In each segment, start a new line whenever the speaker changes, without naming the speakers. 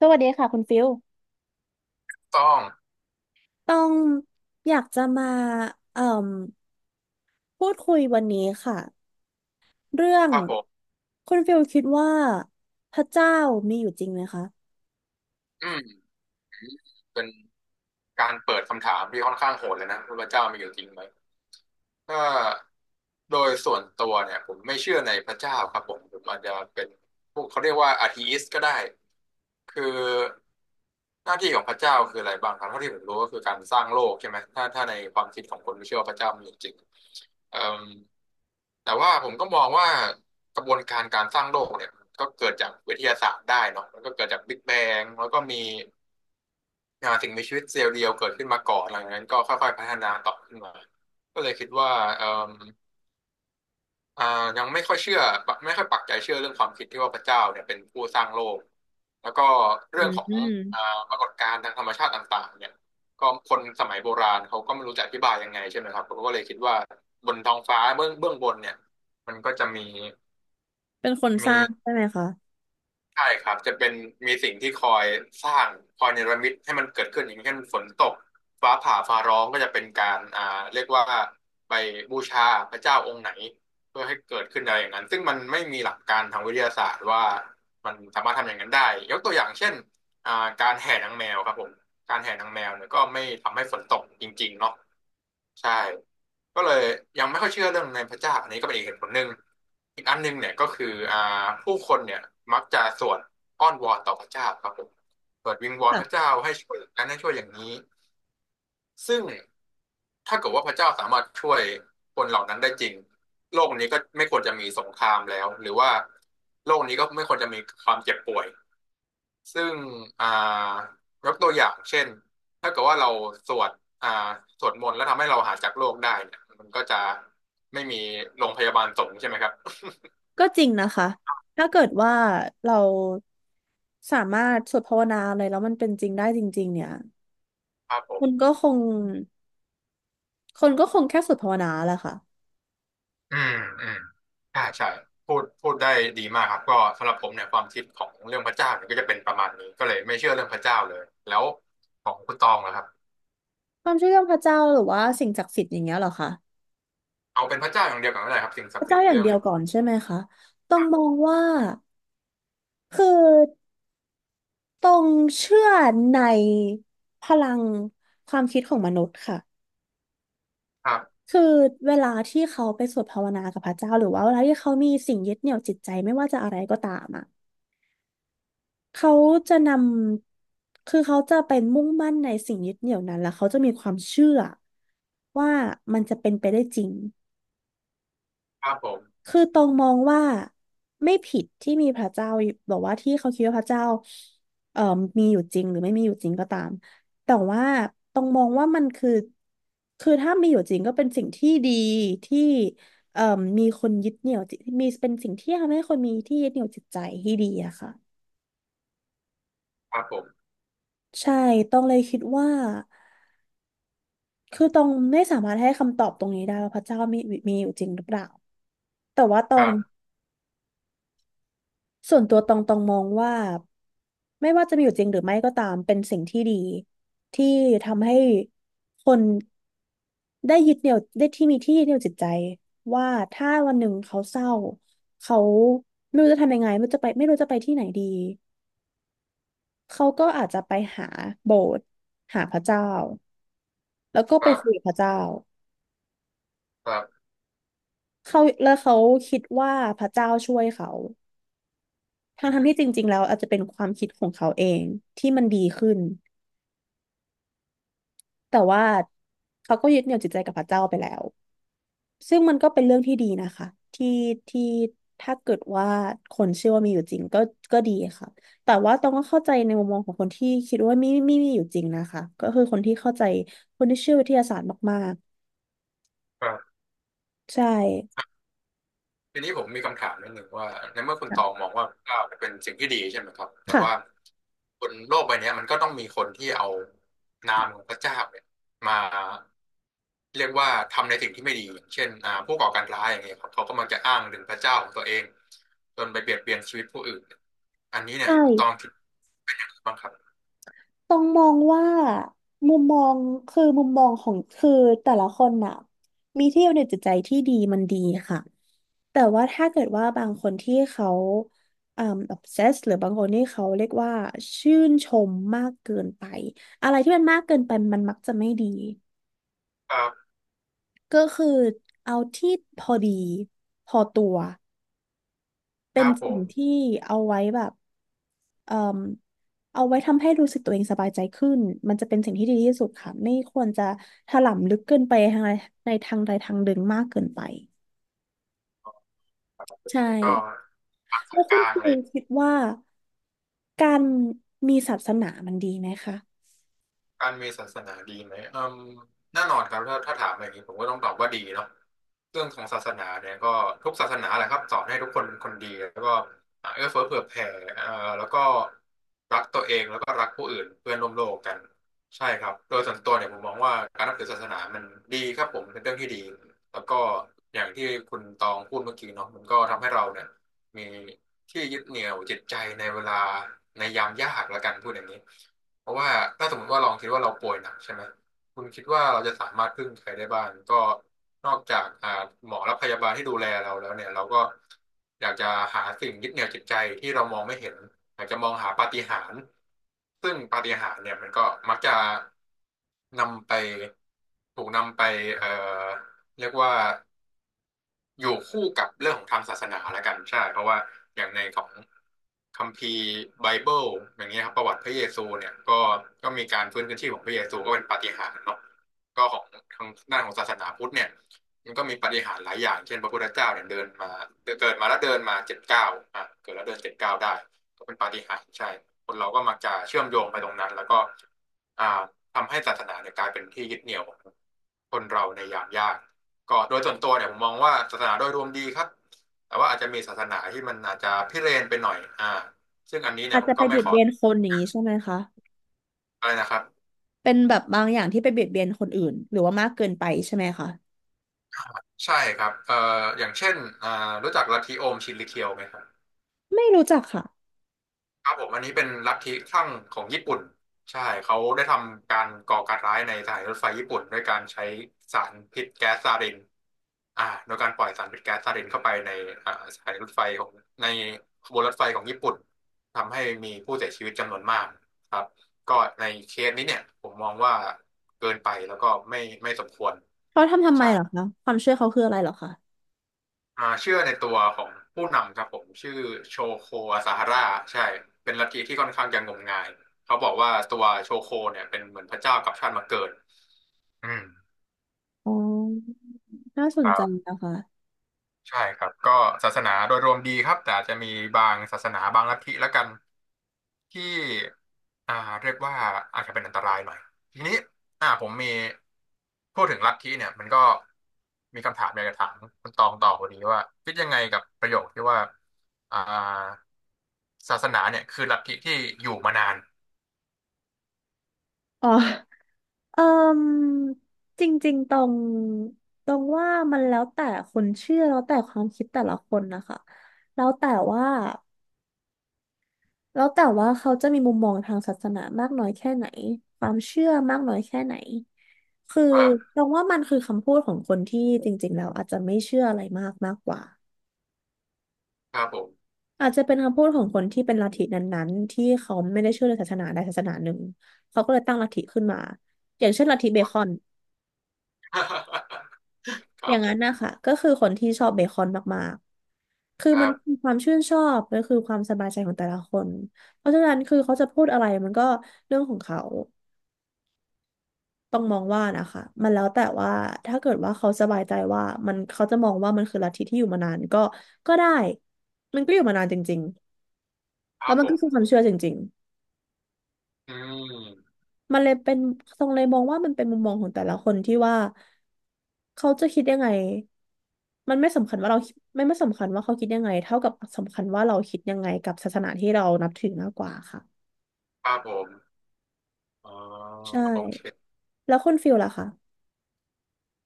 สวัสดีค่ะคุณฟิล
ต้อง
ต้องอยากจะมาเอ่มพูดคุยวันนี้ค่ะเรื่อง
ครับผม
คุณฟิลคิดว่าพระเจ้ามีอยู่จริงไหมคะ
อืมเป็นการเปิดคำถามที่ค่อนข้างโหดเลยนะว่าพระเจ้ามีอยู่จริงไหมถ้าโดยส่วนตัวเนี่ยผมไม่เชื่อในพระเจ้าครับผมอาจจะเป็นพวกเขาเรียกว่าอาธีอิสก็ได้คือหน้าที่ของพระเจ้าคืออะไรบ้างครับเท่าที่ผมรู้ก็คือการสร้างโลกใช่ไหมถ้าในความคิดของคนที่เชื่อว่าพระเจ้ามีอยู่จริงเอ่มแต่ว่าผมก็มองว่ากระบวนการการสร้างโลกเนี่ยก็เกิดจากวิทยาศาสตร์ได้เนาะมันก็เกิดจากบิ๊กแบงแล้วก็มี สิ่งมีชีวิตเซลล์เดียวเกิดขึ้นมาก่อนหลังจากนั้นก็ค่อยๆพัฒนาต่อขึ้นมาก็เลยคิดว่าเอ่มอ่ายังไม่ค่อยเชื่อไม่ค่อยปักใจเชื่อเรื่องความคิดที่ว่าพระเจ้าเนี่ยเป็นผู้สร้างโลกแล้วก็
อื
เรื่องของ
ม
อ่าปรากฏการณ์ทางธรรมชาติต่างๆเนี่ยก็คนสมัยโบราณเขาก็ไม่รู้จะอธิบายยังไงใช่ไหมครับเขาก็เลยคิดว่าบนท้องฟ้าเบื้องบนเนี่ยมันก็จะมี
เป็นคนส
มี
ร้างใช่ไหมคะ
ใช่ครับจะเป็นมีสิ่งที่คอยสร้างคอยเนรมิตให้มันเกิดขึ้นอย่างเช่นฝนตกฟ้าผ่าฟ้าร้องก็จะเป็นการเรียกว่าไปบูชาพระเจ้าองค์ไหนเพื่อให้เกิดขึ้นอะไรอย่างนั้นซึ่งมันไม่มีหลักการทางวิทยาศาสตร์ว่ามันสามารถทำอย่างนั้นได้ยกตัวอย่างเช่นการแห่นางแมวครับผมการแห่นางแมวเนี่ยก็ไม่ทำให้ฝนตกจริงๆเนาะ ใช่ก็เลยยังไม่ค่อยเชื่อเรื่องในพระเจ้าอันนี้ก็เป็นอีกเหตุผลหนึ่งอีกอันหนึ่งเนี่ยก็คืออ่าผู้คนเนี่ยมักจะสวดอ้อนวอนต่อพระเจ้าครับผมสวดวิงวอนพระ
ค่ะ
เจ้าให้ช่วยอย่างนั้นให้ช่วยอย่างนี้ซึ่งถ้าเกิดว่าพระเจ้าสามารถช่วยคนเหล่านั้นได้จริงโลกนี้ก็ไม่ควรจะมีสงครามแล้วหรือว่าโลกนี้ก็ไม่ควรจะมีความเจ็บป่วย ซึ่งอ่ายกตัวอย่างเช่นถ้าเกิดว่าเราสวดอ่าสวดมนต์แล้วทำให้เราหายจากโรคได้เนี่ยมันก็จะไม่มีโรงพยาบาลสงฆ์ใช่ไหมครับ
ก็จริงนะคะถ้าเกิดว่าเราสามารถสวดภาวนาอะไรแล้วมันเป็นจริงได้จริงๆเนี่ย
ครับผ
คุ
ม
ณก็คงคนก็คงแค่สวดภาวนาแหละค่ะ
อืมอืมใช่ใช่พูดได้ดีมากครับก็สำหรับผมเนี่ยความคิดของเรื่องพระเจ้าเนี่ยก็จะเป็นประมาณนี้ก็เลยไม่เชื่อเรื่องพระเจ้าเลยแล้วของคุณตองนะครับ
ความเชื่อเรื่องพระเจ้าหรือว่าสิ่งศักดิ์สิทธิ์อย่างเงี้ยเหรอคะ
เอาเป็นพระเจ้าอย่างเดียวกันก็ได้ครับสิ่งศั
พ
ก
ระ
ดิ์สิท
เจ้า
ธิ์อี
อ
ก
ย่าง
เรื่อง
เดีย
ห
ว
นึ่ง
ก่อนใช่ไหมคะต้องมองว่าคือต้องเชื่อในพลังความคิดของมนุษย์ค่ะ
ครับ
คือเวลาที่เขาไปสวดภาวนากับพระเจ้าหรือว่าเวลาที่เขามีสิ่งยึดเหนี่ยวจิตใจไม่ว่าจะอะไรก็ตามอ่ะเขาจะนำคือเขาจะเป็นมุ่งมั่นในสิ่งยึดเหนี่ยวนั้นแล้วเขาจะมีความเชื่อว่ามันจะเป็นไปได้จริง
ครับผม
คือตองมองว่าไม่ผิดที่มีพระเจ้าอยู่แบอกว่าที่เขาคิดว่าพระเจ้าเอ่อมีอยู่จริงหรือไม่มีอยู่จริงก็ตามแต่ว่าตองมองว่ามันคือถ้ามีอยู่จริงก็เป็นสิ่งที่ดีที่เอ่อมีคนยึดเหนี่ยวจิตมีเป็นสิ่งที่ทำให้คนมีที่ยึดเหนี่ยวจิตใจที่ดีอะค่ะ
ครับผม
ใช่ตองเลยคิดว่าคือตองไม่สามารถให้คำตอบตรงนี้ได้ว่าพระเจ้ามีอยู่จริงหรือเปล่าแต่ว่าตอ
ค
ง
รับ
ส่วนตัวตองมองว่าไม่ว่าจะมีอยู่จริงหรือไม่ก็ตามเป็นสิ่งที่ดีที่ทำให้คนได้ยึดเหนี่ยวได้ที่มีที่ยึดเหนี่ยวจิตใจว่าถ้าวันหนึ่งเขาเศร้าเขาไม่รู้จะทำยังไงไม่รู้จะไปไม่รู้จะไปที่ไหนดีเขาก็อาจจะไปหาโบสถ์หาพระเจ้าแล้วก็
ค
ไป
รั
คุย
บ
กับพระเจ้า
ครับ
เขาแล้วเขาคิดว่าพระเจ้าช่วยเขาทั้
อื
งทั้ง
ม
ที่จริงๆแล้วอาจจะเป็นความคิดของเขาเองที่มันดีขึ้น แต่ว่าเขาก็ยึดเหนี่ยวจิตใจกับพระเจ้าไปแล้วซึ่งมันก็เป็นเรื่องที่ดีนะคะที่ที่ถ้าเกิดว่าคนเชื่อว่ามีอยู่จริงก็ก็ดีค่ะแต่ว่าต้องก็เข้าใจในมุมมองของคนที่คิดว่าไม่ไม่ไมมีอยู่จริงนะคะก็คือคนที่เข้าใจคนที่เชื่อวิทยาศาสตร์มาก
ครับ
ๆใช่
ทีนี้ผมมีคำถามนิดหนึ่งว่าในเมื่อคุณตอง
ค่ะ
มองว่าก้าวเป็นสิ่งที่ดีใช่ไหมครับแต่ว่า
ค่ะ
บนโลกใบเนี้ยมันก็ต้องมีคนที่เอานามของพระเจ้าเนี่ยมาเรียกว่าทำในสิ่งที่ไม่ดีอย่างเช่นผู้ก่อการร้ายอย่างเงี้ยครับเขาก็มักจะอ้างถึงพระเจ้าของตัวเองจนไปเบียดเบียนชีวิตผู้อื่นอันนี้
ใช
เนี่ยตอง
่
คิดบ้างครับ
ต้องมองว่ามุมมองคือมุมมองของคือแต่ละคนน่ะมีที่อยู่ในจิตใจที่ดีมันดีค่ะแต่ว่าถ้าเกิดว่าบางคนที่เขาอ่า obsess หรือบางคนที่เขาเรียกว่าชื่นชมมากเกินไปอะไรที่มันมากเกินไปมันมักจะไม่ดี
ครับ
ก็คือเอาที่พอดีพอตัว
ค
เป็น
รับผ
สิ่ง
ม
ที่เอาไว้แบบ เอ่มเอาไว้ทำให้รู้สึกตัวเองสบายใจขึ้นมันจะเป็นสิ่งที่ดีที่สุดค่ะไม่ควรจะถลำลึกเกินไปทางใดในทางใดทางหนึ่งมากเกินไปใช่
ก็ปัก
แล้
สา
ว
ยก
คุณ
ลา
ค
ง
รู
เลย
คิดว่าการมีศาสนามันดีไหมคะ
การมีศาสนาดีไหมแน่นอนครับถ้าถามอย่างนี้ผมก็ต้องตอบว่าดีเนาะเรื่องของศาสนาเนี่ยก็ทุกศาสนาแหละครับสอนให้ทุกคนเป็นคนดีแล้วก็เอื้อเฟื้อเผื่อแผ่เอ่อแล้วก็รักตัวเองแล้วก็รักผู้อื่นเพื่อนร่วมโลกกันใช่ครับ โดยส่วนตัวเนี่ยผมมองว่าการนับถือศาสนามันดีครับผมเป็นเรื่องที่ดีแล้วก็อย่างที่คุณตองพูดเมื่อกี้เนาะมันก็ทำให้เราเนี่ยมีที่ยึดเหนี่ยวจิตใจในเวลาในยามยากละกันพูดอย่างนี้ เพราะว่าถ้าสมมติว่าลองคิดว่าเราป่วยหนักใช่ไหมคุณคิดว่าเราจะสามารถพึ่งใครได้บ้างก็นอกจากหมอและพยาบาลที่ดูแลเราแล้วเนี่ยเราก็อยากจะหาสิ่งยึดเหนี่ยวจิตใจที่เรามองไม่เห็นอยากจะมองหาปาฏิหาริย์ซึ่งปาฏิหาริย์เนี่ยมันก็มักจะนำไปถูกนำไปเอ่อเรียกว่า อยู่คู่กับเรื่องของทางศาสนาแล้วกันใช่เพราะว่าอย่างในของคัมภีร์ไบเบิลอย่างเงี้ยครับประวัติพระเยซูเนี่ยก็มีการฟื้นคืนชีพของพระเยซูก็เป็นปาฏิหาริย์เนาะก็ของทางด้านของศาสนาพุทธเนี่ยมันก็มีปาฏิหาริย์หลายอย่างเช่นพระพุทธเจ้าเนี่ยเดินมาเกิดมาแล้วเดินมาเจ็ดเก้าเกิดแล้วเดินเจ็ดเก้าได้ก็เป็นปาฏิหาริย์ใช่คนเราก็มักจะเชื่อมโยงไปตรงนั้นแล้วก็ อ่าทำให้ศาสนาเนี่ยกลายเป็นที่ยึดเหนี่ยวของคนเราในยามยากก็โดยส่วนตัวเนี่ยผมมองว่าศาสนาโดยรวมดีครับแต่ว่าอาจจะมีศาสนาที่มันอาจจะพิเรนไปหน่อยซึ่งอันนี้เนี่
อา
ย
จ
ผ
จะ
ม
ไป
ก็ไม่
เบียด
ขอ
เบียนคนอย่างนี้ใช่ไหมคะ
อะไรนะครับ
เป็นแบบบางอย่างที่ไปเบียดเบียนคนอื่นหรือว่ามากเกินไปใช่ไหมคะ
ใช่ครับอย่างเช่นอ่ารู้จักลัทธิโอมชินริเคียวไหมครับ
ไม่รู้จักค่ะ
ครับผมอันนี้เป็นลัทธิคลั่งของญี่ปุ่นใช่เขาได้ทำการก่อการร้ายในสถานีรถไฟญี่ปุ่นด้วยการใช้สารพิษแก๊สซารินโดยการปล่อยสารพิษแก๊สซารินเข้าไปในสถานีรถไฟของในขบวนรถไฟของญี่ปุ่นทำให้มีผู้เสียชีวิตจำนวนมากครับก็ในเคสนี้เนี่ยผมมองว่าเกินไปแล้วก็ไม่สมควร
เขาทำไม
ใช่
เหรอคะความเชื่อเขาคืออะไรเหรอคะ
เชื่อในตัวของผู้นำครับผมชื่อโชโคอาซาฮาร่าใช่เป็นลัทธิที่ค่อนข้างจะงมงายเขาบอกว่าตัวโชโคเนี่ยเป็นเหมือนพระเจ้ากับชาติมาเกิดอืม
อ๋อน่าส
ค
น
รั
ใจ
บ
นะคะ
ใช่ครับก็ศาสนาโดยรวมดีครับแต่อาจจะมีบางศาสนาบางลัทธิละกันที่อ่าเรียกว่าอาจจะเป็นอันตรายหน่อยทีนี้ผมมีพูดถึงลัทธิเนี่ยมันก็มีคำถามอยากจะถามคุณตองต่อพอดีว่าคิดยังไงกับประโยคที่ว่าอ่าศาสนาเนี่ยคือลัทธิที่อยู่มานาน
อ๋อ เอ่มจริงๆ ตรงว่ามันแล้วแต่คนเชื่อแล้วแต่ความคิดแต่ละคนนะคะแล้วแต่ว่าแล้วแต่ว่าเขาจะมีมุมมองทางศาสนามากน้อยแค่ไหน ความเชื่อมากน้อยแค่ไหน คือ
ครับ
ตรงว่ามันคือคำพูดของคนที่จริงๆ แล้วอาจจะไม่เชื่ออะไรมากมากกว่า
ครับผม
อาจจะเป็นคำพูดของคนที่เป็นลัทธินั้นๆที่เขาไม่ได้เชื่อในศาสนาใดศาสนาหนึ่งเขาก็เลยตั้งลัทธิขึ้นมาอย่างเช่นลัทธิเบ
ครับ
คอน
ค
อ
รับ
ย่าง
ผ
นั้น
ม
นะคะก็คือคนที่ชอบเบคอนมากๆคือ
ค
มั
รั
น
บ
คือความชื่นชอบมันคือความสบายใจของแต่ละคนเพราะฉะนั้นคือเขาจะพูดอะไรมันก็เรื่องของเขาต้องมองว่านะคะมันแล้วแต่ว่าถ้าเกิดว่าเขาสบายใจว่ามันเขาจะมองว่ามันคือลัทธิที่อยู่มานานก็ก็ได้มันก็อยู่มานานจริง
ค
ๆ
รั
แล้
บ
วมั
ผ
นก็คือค
ม
วามเชื่อจริงๆ
อืม
มันเลยเป็นทรงเลยมองว่ามันเป็นมุมมองของแต่ละคนที่ว่าเขาจะคิดยังไง มันไม่สำคัญว่าเราไม่สำคัญว่าเขาคิดยังไงเท่ากับสำคัญว่าเราคิดยังไงกับศาสนาที่เรานับถือมากกว่าค่ะ
ครับผมอ๋อ
ใช่
โอเค
แล้วคุณฟิลล่ะคะ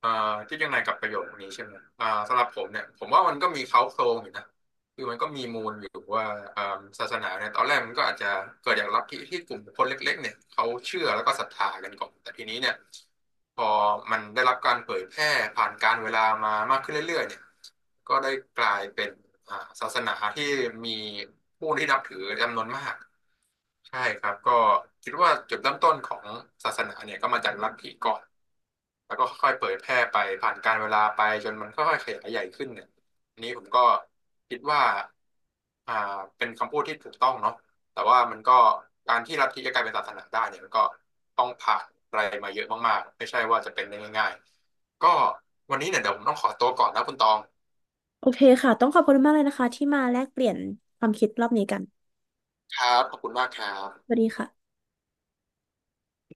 อ่าที่ยังไงกับประโยคนี้ใช่ไหมสำหรับผมเนี่ยผมว่ามันก็มีเค้าโครงอยู่นะคือมันก็มีมูลอยู่ว่าอ่าศาสนาเนี่ยตอนแรกมันก็อาจจะเกิดจากลัทธิที่กลุ่มคนเล็กๆเนี่ยเขาเชื่อแล้วก็ศรัทธากันก่อนแต่ทีนี้เนี่ยพอมันได้รับการเผยแพร่ผ่านการเวลามามากขึ้นเรื่อยๆเนี่ย ก็ได้กลายเป็นอ่าศาสนาที่มีผู้ที่นับถือจำนวนมากใช่ครับก็คิดว่าจุดเริ่มต้นของศาสนาเนี่ยก็มาจากลัทธิก่อนแล้วก็ค่อยๆเผยแพร่ไปผ่านกาลเวลาไปจนมันค่อยๆขยายใหญ่ขึ้นเนี่ยอันนี้ผมก็คิดว่าอ่าเป็นคำพูดที่ถูกต้องเนาะแต่ว่ามันก็การที่ลัทธิจะกลายเป็นศาสนาได้เนี่ยมันก็ต้องผ่านอะไรมาเยอะมากๆไม่ใช่ว่าจะเป็นได้ง่ายๆก็วันนี้เนี่ยเดี๋ยวผมต้องขอตัวก่อนนะคุณตอง
โอเคค่ะต้องขอบคุณมากเลยนะคะที่มาแลกเปลี่ยนความคิดรอบนี้กัน
ครับ ขอบคุณมากครั
สวั
บ
สดีค่ะ